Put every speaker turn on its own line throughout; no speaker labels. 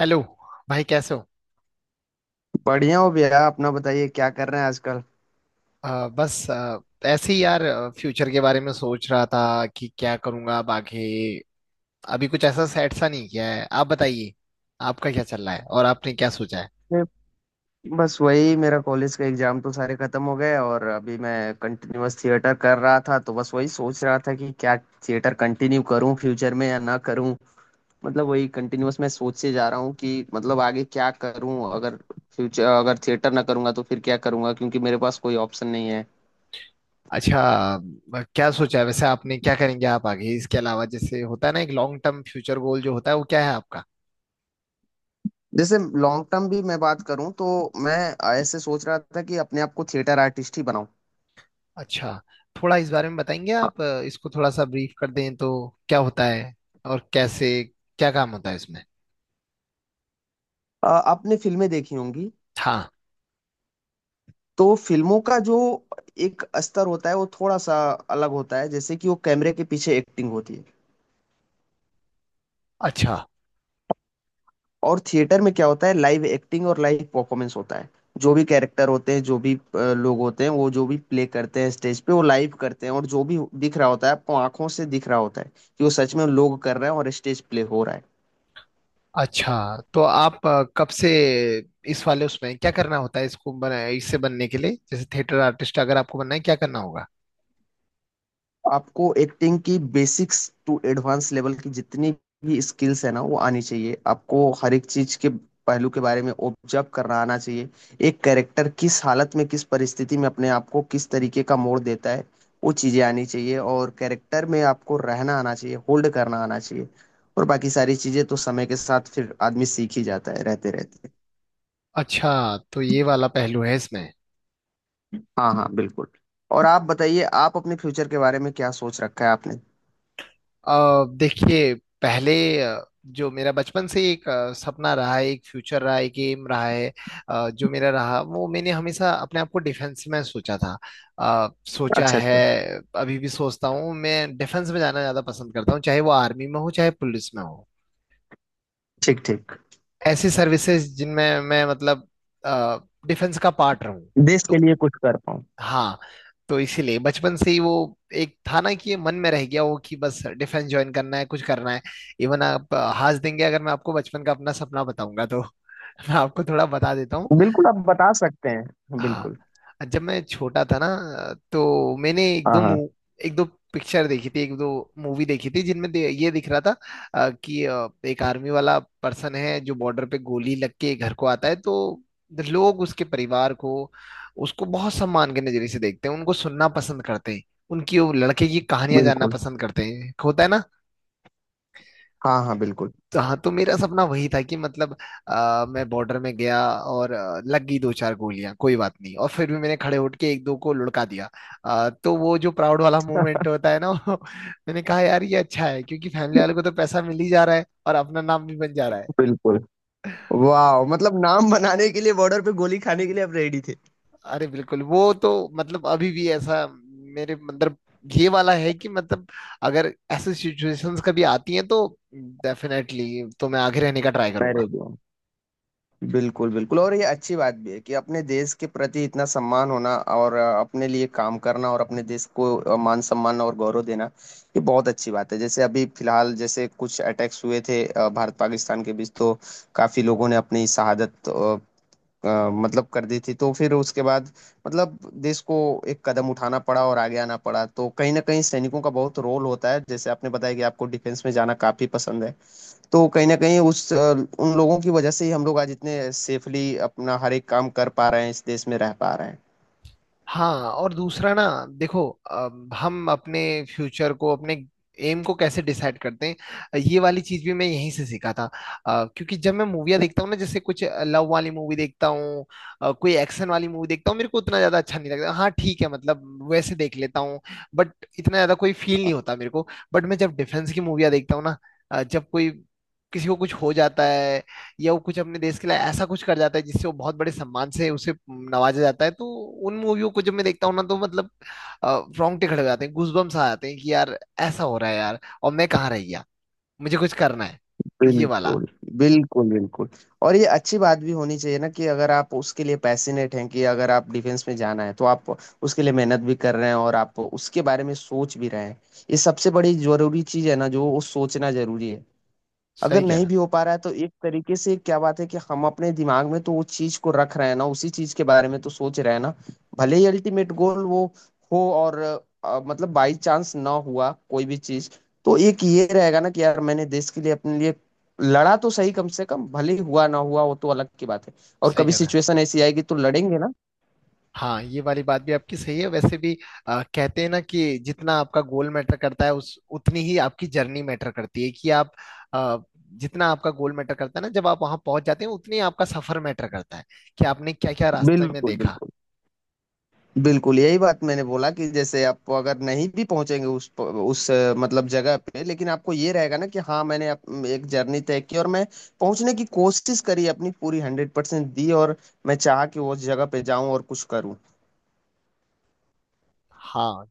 Hello. भाई कैसे हो?
बढ़िया हो भैया, अपना बताइए क्या कर रहे हैं आजकल।
अ, बस अ, ऐसे ही यार, फ्यूचर के बारे में सोच रहा था कि क्या करूंगा अब आगे। अभी कुछ ऐसा सेट सा नहीं किया है। आप बताइए, आपका क्या चल रहा है और आपने क्या सोचा है?
मैं- बस वही, मेरा कॉलेज का एग्जाम तो सारे खत्म हो गए और अभी मैं कंटिन्यूअस थिएटर कर रहा था, तो बस वही सोच रहा था कि क्या थिएटर कंटिन्यू करूं फ्यूचर में या ना करूं। मतलब वही कंटिन्यूअस मैं सोचे जा रहा हूं कि मतलब आगे क्या करूं, अगर फ्यूचर अगर थिएटर ना करूंगा तो फिर क्या करूंगा, क्योंकि मेरे पास कोई ऑप्शन नहीं है।
अच्छा। क्या सोचा है वैसे, आपने क्या करेंगे आप आगे इसके अलावा? जैसे होता है ना, एक लॉन्ग टर्म फ्यूचर गोल जो होता है, वो क्या है आपका?
जैसे लॉन्ग टर्म भी मैं बात करूं, तो मैं ऐसे सोच रहा था कि अपने आप को थिएटर आर्टिस्ट ही बनाऊं।
अच्छा। थोड़ा इस बारे में बताएंगे आप? इसको थोड़ा सा ब्रीफ कर दें तो क्या होता है और कैसे? क्या काम होता है इसमें?
आपने फिल्में देखी होंगी।
हाँ।
तो फिल्मों का जो एक स्तर होता है वो थोड़ा सा अलग होता है, जैसे कि वो कैमरे के पीछे एक्टिंग होती है।
अच्छा।
और थिएटर में क्या होता है, लाइव एक्टिंग और लाइव परफॉर्मेंस होता है। जो भी कैरेक्टर होते हैं, जो भी लोग होते हैं, वो जो भी प्ले करते हैं स्टेज पे वो लाइव करते हैं, और जो भी दिख रहा होता है आपको आंखों से दिख रहा होता है, कि वो सच में लोग कर रहे हैं और स्टेज प्ले हो रहा है।
अच्छा तो आप कब से इस वाले उसमें क्या करना होता है, इसको बना, इससे बनने के लिए, जैसे थिएटर आर्टिस्ट अगर आपको बनना है, क्या करना होगा?
आपको एक्टिंग की बेसिक्स टू एडवांस लेवल की जितनी भी स्किल्स है ना, वो आनी चाहिए। आपको हर एक चीज के पहलू के बारे में ऑब्जर्व करना आना चाहिए। एक कैरेक्टर किस हालत में, किस परिस्थिति में अपने आप को किस तरीके का मोड़ देता है, वो चीजें आनी चाहिए। और कैरेक्टर में आपको रहना आना चाहिए, होल्ड करना आना चाहिए। और बाकी सारी चीजें तो समय के साथ फिर आदमी सीख ही जाता है रहते रहते।
अच्छा तो ये वाला पहलू है इसमें?
हाँ हाँ बिल्कुल। और आप बताइए, आप अपने फ्यूचर के बारे में क्या सोच रखा है आपने।
देखिए, पहले जो मेरा बचपन से एक सपना रहा है, एक फ्यूचर रहा है, एक एम रहा है, जो मेरा रहा, वो मैंने हमेशा अपने आप को डिफेंस में सोचा था। सोचा
अच्छा
है।
अच्छा।
अभी भी सोचता हूँ, मैं डिफेंस में जाना ज्यादा पसंद करता हूँ, चाहे वो आर्मी में हो चाहे पुलिस में हो।
ठीक ठीक।
ऐसी सर्विसेज जिनमें मैं मतलब डिफेंस का पार्ट रहूं।
देश
तो
के लिए कुछ कर पाऊँ।
हाँ, तो इसीलिए बचपन से ही वो एक था ना, कि ये मन में रह गया वो, कि बस डिफेंस ज्वाइन करना है, कुछ करना है। इवन आप हंस देंगे अगर मैं आपको बचपन का अपना सपना बताऊंगा तो मैं आपको थोड़ा बता देता हूँ।
बिल्कुल आप बता सकते हैं, बिल्कुल।
हाँ, जब मैं छोटा था ना, तो मैंने
हाँ हाँ
एक दो पिक्चर देखी थी, एक दो मूवी देखी थी जिनमें ये दिख रहा था कि एक आर्मी वाला पर्सन है जो बॉर्डर पे गोली लग के घर को आता है, तो लोग उसके परिवार को, उसको बहुत सम्मान के नजरिए से देखते हैं, उनको सुनना पसंद करते हैं, उनकी वो लड़के की कहानियां जानना
बिल्कुल।
पसंद करते हैं, होता है ना।
हाँ हाँ बिल्कुल
तो हाँ, तो मेरा सपना वही था कि मतलब मैं बॉर्डर में गया और लग गई दो चार गोलियां, कोई बात नहीं, और फिर भी मैंने खड़े उठ के एक दो को लुढ़का दिया। तो वो जो प्राउड वाला मोमेंट होता है ना वो, मैंने कहा यार ये अच्छा है क्योंकि फैमिली वालों को तो पैसा मिल ही जा रहा है और अपना नाम भी बन जा रहा है।
बिल्कुल। वाह, मतलब नाम बनाने के लिए बॉर्डर पे गोली खाने के लिए आप रेडी थे।
अरे बिल्कुल, वो तो मतलब अभी भी ऐसा, मेरे अंदर ये वाला है कि मतलब अगर ऐसे सिचुएशंस कभी आती हैं तो डेफिनेटली, तो मैं आगे रहने का ट्राई
मैं
करूंगा।
रेडी हूँ। बिल्कुल बिल्कुल, और ये अच्छी बात भी है कि अपने देश के प्रति इतना सम्मान होना, और अपने लिए काम करना और अपने देश को मान सम्मान और गौरव देना। ये बहुत अच्छी बात है। जैसे अभी फिलहाल जैसे कुछ अटैक्स हुए थे भारत पाकिस्तान के बीच, तो काफी लोगों ने अपनी शहादत मतलब कर दी थी। तो फिर उसके बाद मतलब देश को एक कदम उठाना पड़ा और आगे आना पड़ा, तो कहीं ना कहीं सैनिकों का बहुत रोल होता है। जैसे आपने बताया कि आपको डिफेंस में जाना काफी पसंद है, तो कहीं ना कहीं उन लोगों की वजह से ही हम लोग आज इतने सेफली अपना हर एक काम कर पा रहे हैं, इस देश में रह पा रहे हैं।
हाँ और दूसरा ना, देखो हम अपने फ्यूचर को, अपने एम को कैसे डिसाइड करते हैं, ये वाली चीज भी मैं यहीं से सीखा था। क्योंकि जब मैं मूवियाँ देखता हूँ ना, जैसे कुछ लव वाली मूवी देखता हूँ, कोई एक्शन वाली मूवी देखता हूँ, मेरे को उतना ज्यादा अच्छा नहीं लगता। हाँ ठीक है, मतलब वैसे देख लेता हूँ, बट इतना ज्यादा कोई फील नहीं होता मेरे को। बट मैं जब डिफेंस की मूवियाँ देखता हूँ ना, जब कोई किसी को कुछ हो जाता है या वो कुछ अपने देश के लिए ऐसा कुछ कर जाता है जिससे वो बहुत बड़े सम्मान से उसे नवाजा जाता है, तो उन मूवियों को जब मैं देखता हूँ ना, तो मतलब अ, रोंगटे खड़े हो जाते हैं, गूजबम्स आ जाते हैं कि यार ऐसा हो रहा है यार, और मैं कहाँ रह गया, मुझे कुछ करना है, ये वाला।
बिल्कुल बिल्कुल बिल्कुल। और ये अच्छी बात भी होनी चाहिए ना, कि अगर आप उसके लिए पैशनेट हैं, कि अगर आप डिफेंस में जाना है तो आप उसके लिए मेहनत भी कर रहे हैं और आप उसके बारे में सोच भी रहे हैं। ये सबसे बड़ी जरूरी चीज है ना, जो वो सोचना जरूरी है। अगर
सही
नहीं
कहना।
भी हो पा रहा है, तो एक तरीके से क्या बात है कि हम अपने दिमाग में तो वो चीज को रख रहे हैं ना, उसी चीज के बारे में तो सोच रहे हैं ना। भले ही अल्टीमेट गोल वो हो, और मतलब बाई चांस ना हुआ कोई भी चीज, तो एक ये रहेगा ना कि यार मैंने देश के लिए, अपने लिए लड़ा तो सही, कम से कम। भले ही हुआ ना हुआ वो तो अलग की बात है, और
सही
कभी
कहना है।
सिचुएशन ऐसी आएगी तो लड़ेंगे ना।
हाँ, ये वाली बात भी आपकी सही है। वैसे भी कहते हैं ना कि जितना आपका गोल मैटर करता है उस उतनी ही आपकी जर्नी मैटर करती है, कि आप अ, जितना आपका गोल मैटर करता है ना, जब आप वहां पहुंच जाते हैं, उतनी आपका सफर मैटर करता है, कि आपने क्या क्या रास्ते में
बिल्कुल
देखा।
बिल्कुल। बिल्कुल यही बात मैंने बोला कि जैसे आप अगर नहीं भी पहुंचेंगे उस मतलब जगह पे, लेकिन आपको ये रहेगा ना कि हाँ मैंने एक जर्नी तय की और मैं पहुंचने की कोशिश करी, अपनी पूरी 100% दी, और मैं चाहा कि उस जगह पे जाऊं और कुछ करूं।
हाँ।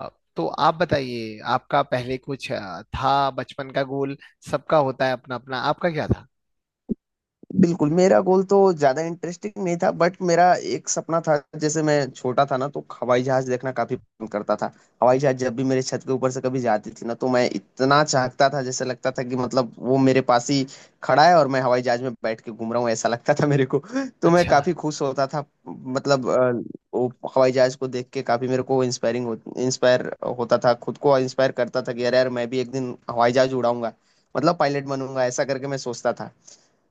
अ, तो आप बताइए, आपका पहले कुछ था बचपन का गोल? सबका होता है अपना अपना, आपका क्या था?
बिल्कुल, मेरा गोल तो ज्यादा इंटरेस्टिंग नहीं था, बट मेरा एक सपना था। जैसे मैं छोटा था ना, तो हवाई जहाज देखना काफी पसंद करता था। हवाई जहाज जब भी मेरे छत के ऊपर से कभी जाती थी ना, तो मैं इतना चाहता था, जैसे लगता था कि मतलब वो मेरे पास ही खड़ा है और मैं हवाई जहाज में बैठ के घूम रहा हूँ, ऐसा लगता था मेरे को। तो मैं
अच्छा।
काफी खुश होता था, मतलब वो हवाई जहाज को देख के काफी मेरे को इंस्पायर होता था, खुद को इंस्पायर करता था कि यार यार मैं भी एक दिन हवाई जहाज उड़ाऊंगा, मतलब पायलट बनूंगा, ऐसा करके मैं सोचता था।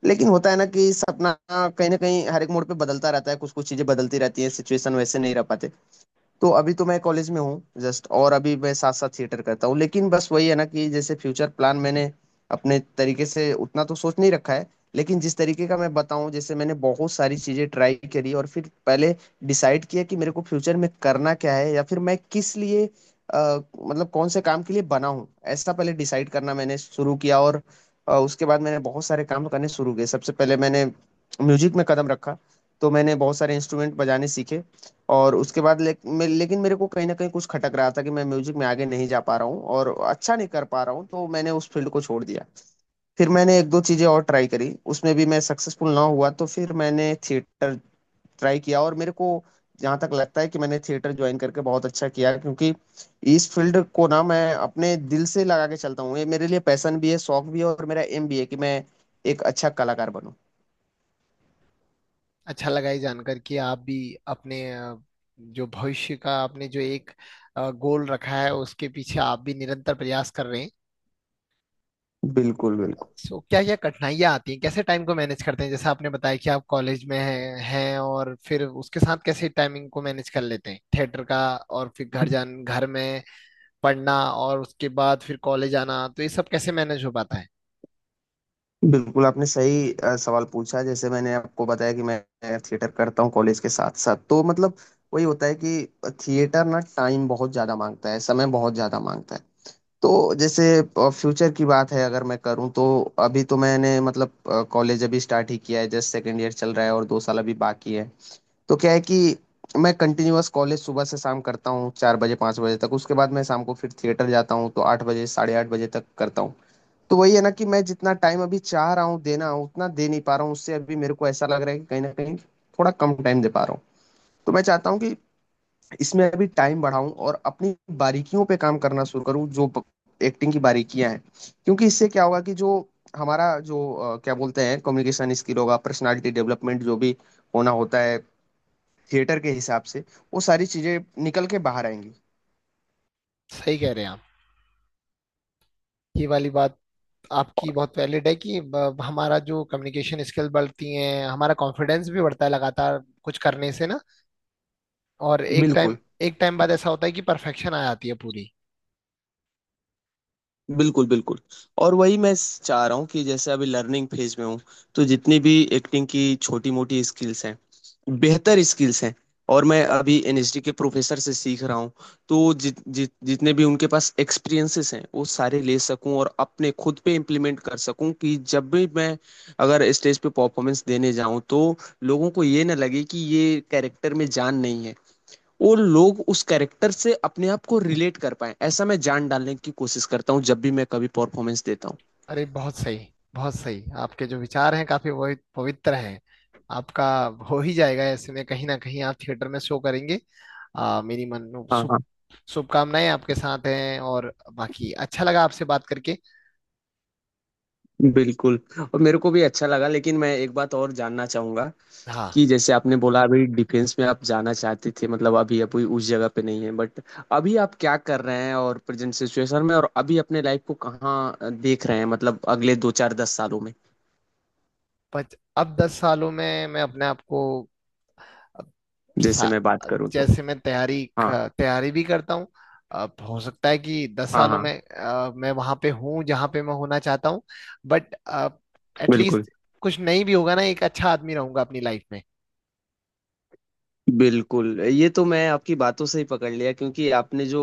लेकिन होता है ना कि सपना कहीं ना कहीं हर एक मोड़ पे बदलता रहता है, कुछ कुछ चीजें बदलती रहती है, सिचुएशन वैसे नहीं रह पाते। तो अभी तो मैं कॉलेज में हूँ जस्ट, और अभी मैं साथ साथ थिएटर करता हूँ। लेकिन बस वही है ना, कि जैसे फ्यूचर प्लान मैंने अपने तरीके से उतना तो सोच नहीं रखा है। लेकिन जिस तरीके का मैं बताऊं, जैसे मैंने बहुत सारी चीजें ट्राई करी और फिर पहले डिसाइड किया कि मेरे को फ्यूचर में करना क्या है, या फिर मैं किस लिए अ, मतलब कौन से काम के लिए बना हूँ, ऐसा पहले डिसाइड करना मैंने शुरू किया। और उसके बाद मैंने बहुत सारे काम करने शुरू किए। सबसे पहले मैंने म्यूजिक में कदम रखा, तो मैंने बहुत सारे इंस्ट्रूमेंट बजाने सीखे। और उसके बाद लेकिन मेरे को कहीं ना कहीं कुछ खटक रहा था कि मैं म्यूजिक में आगे नहीं जा पा रहा हूँ और अच्छा नहीं कर पा रहा हूँ, तो मैंने उस फील्ड को छोड़ दिया। फिर मैंने एक दो चीजें और ट्राई करी, उसमें भी मैं सक्सेसफुल ना हुआ, तो फिर मैंने थिएटर ट्राई किया। और मेरे को जहाँ तक लगता है कि मैंने थिएटर ज्वाइन करके बहुत अच्छा किया, क्योंकि इस फील्ड को ना मैं अपने दिल से लगा के चलता हूँ। ये मेरे लिए पैशन भी है, शौक भी है, और मेरा एम भी है कि मैं एक अच्छा कलाकार बनूं।
अच्छा लगा ये जानकर कि आप भी अपने जो भविष्य का आपने जो एक गोल रखा है, उसके पीछे आप भी निरंतर प्रयास कर रहे हैं।
बिल्कुल बिल्कुल।
सो क्या क्या कठिनाइयाँ आती हैं, कैसे टाइम को मैनेज करते हैं? जैसे आपने बताया कि आप कॉलेज में हैं, और फिर उसके साथ कैसे टाइमिंग को मैनेज कर लेते हैं थिएटर का, और फिर घर में पढ़ना और उसके बाद फिर कॉलेज आना, तो ये सब कैसे मैनेज हो पाता है?
बिल्कुल आपने सही सवाल पूछा। जैसे मैंने आपको बताया कि मैं थिएटर करता हूँ कॉलेज के साथ साथ, तो मतलब वही होता है कि थिएटर ना टाइम बहुत ज़्यादा मांगता है, समय बहुत ज़्यादा मांगता है। तो जैसे फ्यूचर की बात है अगर मैं करूँ, तो अभी तो मैंने मतलब कॉलेज अभी स्टार्ट ही किया है जस्ट, सेकेंड ईयर चल रहा है और 2 साल अभी बाकी है। तो क्या है कि मैं कंटिन्यूअस कॉलेज सुबह से शाम करता हूँ, 4 बजे 5 बजे तक। उसके बाद मैं शाम को फिर थिएटर जाता हूँ, तो 8 बजे 8:30 बजे तक करता हूँ। तो वही है ना कि मैं जितना टाइम अभी चाह रहा हूँ देना, उतना दे नहीं पा रहा हूँ। उससे अभी मेरे को ऐसा लग रहा है कि कहीं ना कहीं थोड़ा कम टाइम दे पा रहा हूँ। तो मैं चाहता हूँ कि इसमें अभी टाइम बढ़ाऊं और अपनी बारीकियों पे काम करना शुरू करूँ, जो एक्टिंग की बारीकियां हैं। क्योंकि इससे क्या होगा कि जो हमारा जो क्या बोलते हैं, कम्युनिकेशन स्किल होगा, पर्सनालिटी डेवलपमेंट जो भी होना होता है थिएटर के हिसाब से, वो सारी चीजें निकल के बाहर आएंगी।
सही कह रहे हैं आप। ये वाली बात आपकी बहुत वैलिड है कि हमारा जो कम्युनिकेशन स्किल बढ़ती है, हमारा कॉन्फिडेंस भी बढ़ता है लगातार कुछ करने से ना। और
बिल्कुल
एक टाइम बाद ऐसा होता है कि परफेक्शन आ जाती है पूरी।
बिल्कुल। और वही मैं स चाह रहा हूँ कि जैसे अभी लर्निंग फेज़ में हूँ, तो जितनी भी एक्टिंग की छोटी-मोटी स्किल्स हैं, बेहतर स्किल्स हैं, और मैं अभी एनएसडी के प्रोफ़ेसर से सीख रहा हूँ। तो जित जित जितने भी उनके पास एक्सपीरियंसेस हैं, वो सारे ले सकूँ और अपने खुद पे इम्प्लीमेंट कर सकूँ, कि जब भी मैं अगर स्टेज पे परफ़ॉर्मेंस देने जाऊँ, तो लोगों को ये ना लगे कि ये कैरेक्टर में जान नहीं है। वो लोग उस कैरेक्टर से अपने आप को रिलेट कर पाए, ऐसा मैं जान डालने की कोशिश करता हूँ जब भी मैं कभी परफॉर्मेंस देता हूँ।
अरे बहुत सही, बहुत सही। आपके जो विचार हैं काफी, वो पवित्र हैं। आपका हो ही जाएगा, ऐसे में कहीं ना कहीं आप थिएटर में शो करेंगे। मेरी मन
हाँ हाँ
शुभ, शुभकामनाएं आपके साथ हैं, और बाकी अच्छा लगा आपसे बात करके।
बिल्कुल। और मेरे को भी अच्छा लगा, लेकिन मैं एक बात और जानना चाहूंगा,
हाँ।
कि जैसे आपने बोला अभी डिफेंस में आप जाना चाहते थे, मतलब अभी अभी उस जगह पे नहीं है, बट अभी आप क्या कर रहे हैं और प्रेजेंट सिचुएशन में, और अभी अपने लाइफ को कहाँ देख रहे हैं, मतलब अगले दो चार दस सालों में।
अब 10 सालों में मैं अपने आप को
जैसे
सा-
मैं बात करूँ तो।
जैसे मैं
हाँ
तैयारी भी करता हूँ। अब हो सकता है कि दस
हाँ
सालों में
हाँ
मैं वहां पे हूँ जहाँ पे मैं होना चाहता हूँ, बट
बिल्कुल।
एटलीस्ट कुछ नहीं भी होगा ना, एक अच्छा आदमी रहूंगा अपनी लाइफ में।
बिल्कुल ये तो मैं आपकी बातों से ही पकड़ लिया, क्योंकि आपने जो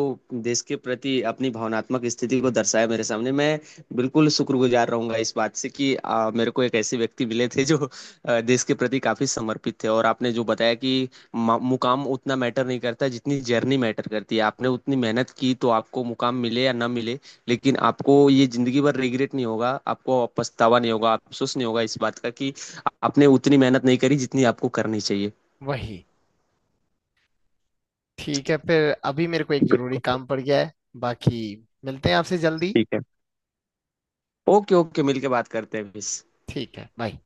देश के प्रति अपनी भावनात्मक स्थिति को दर्शाया मेरे सामने, मैं बिल्कुल शुक्रगुजार रहूंगा इस बात से कि मेरे को एक ऐसे व्यक्ति मिले थे जो देश के प्रति काफी समर्पित थे। और आपने जो बताया कि मुकाम उतना मैटर नहीं करता जितनी जर्नी मैटर करती है। आपने उतनी मेहनत की, तो आपको मुकाम मिले या ना मिले, लेकिन आपको ये जिंदगी भर रिग्रेट नहीं होगा, आपको पछतावा नहीं होगा, अफसोस नहीं होगा इस बात का, कि आपने उतनी मेहनत नहीं करी जितनी आपको करनी चाहिए।
वही। ठीक है, फिर अभी मेरे को एक जरूरी काम पड़ गया है, बाकी मिलते हैं आपसे जल्दी।
ठीक है। ओके ओके, मिलके बात करते हैं फिर।
ठीक है, बाय।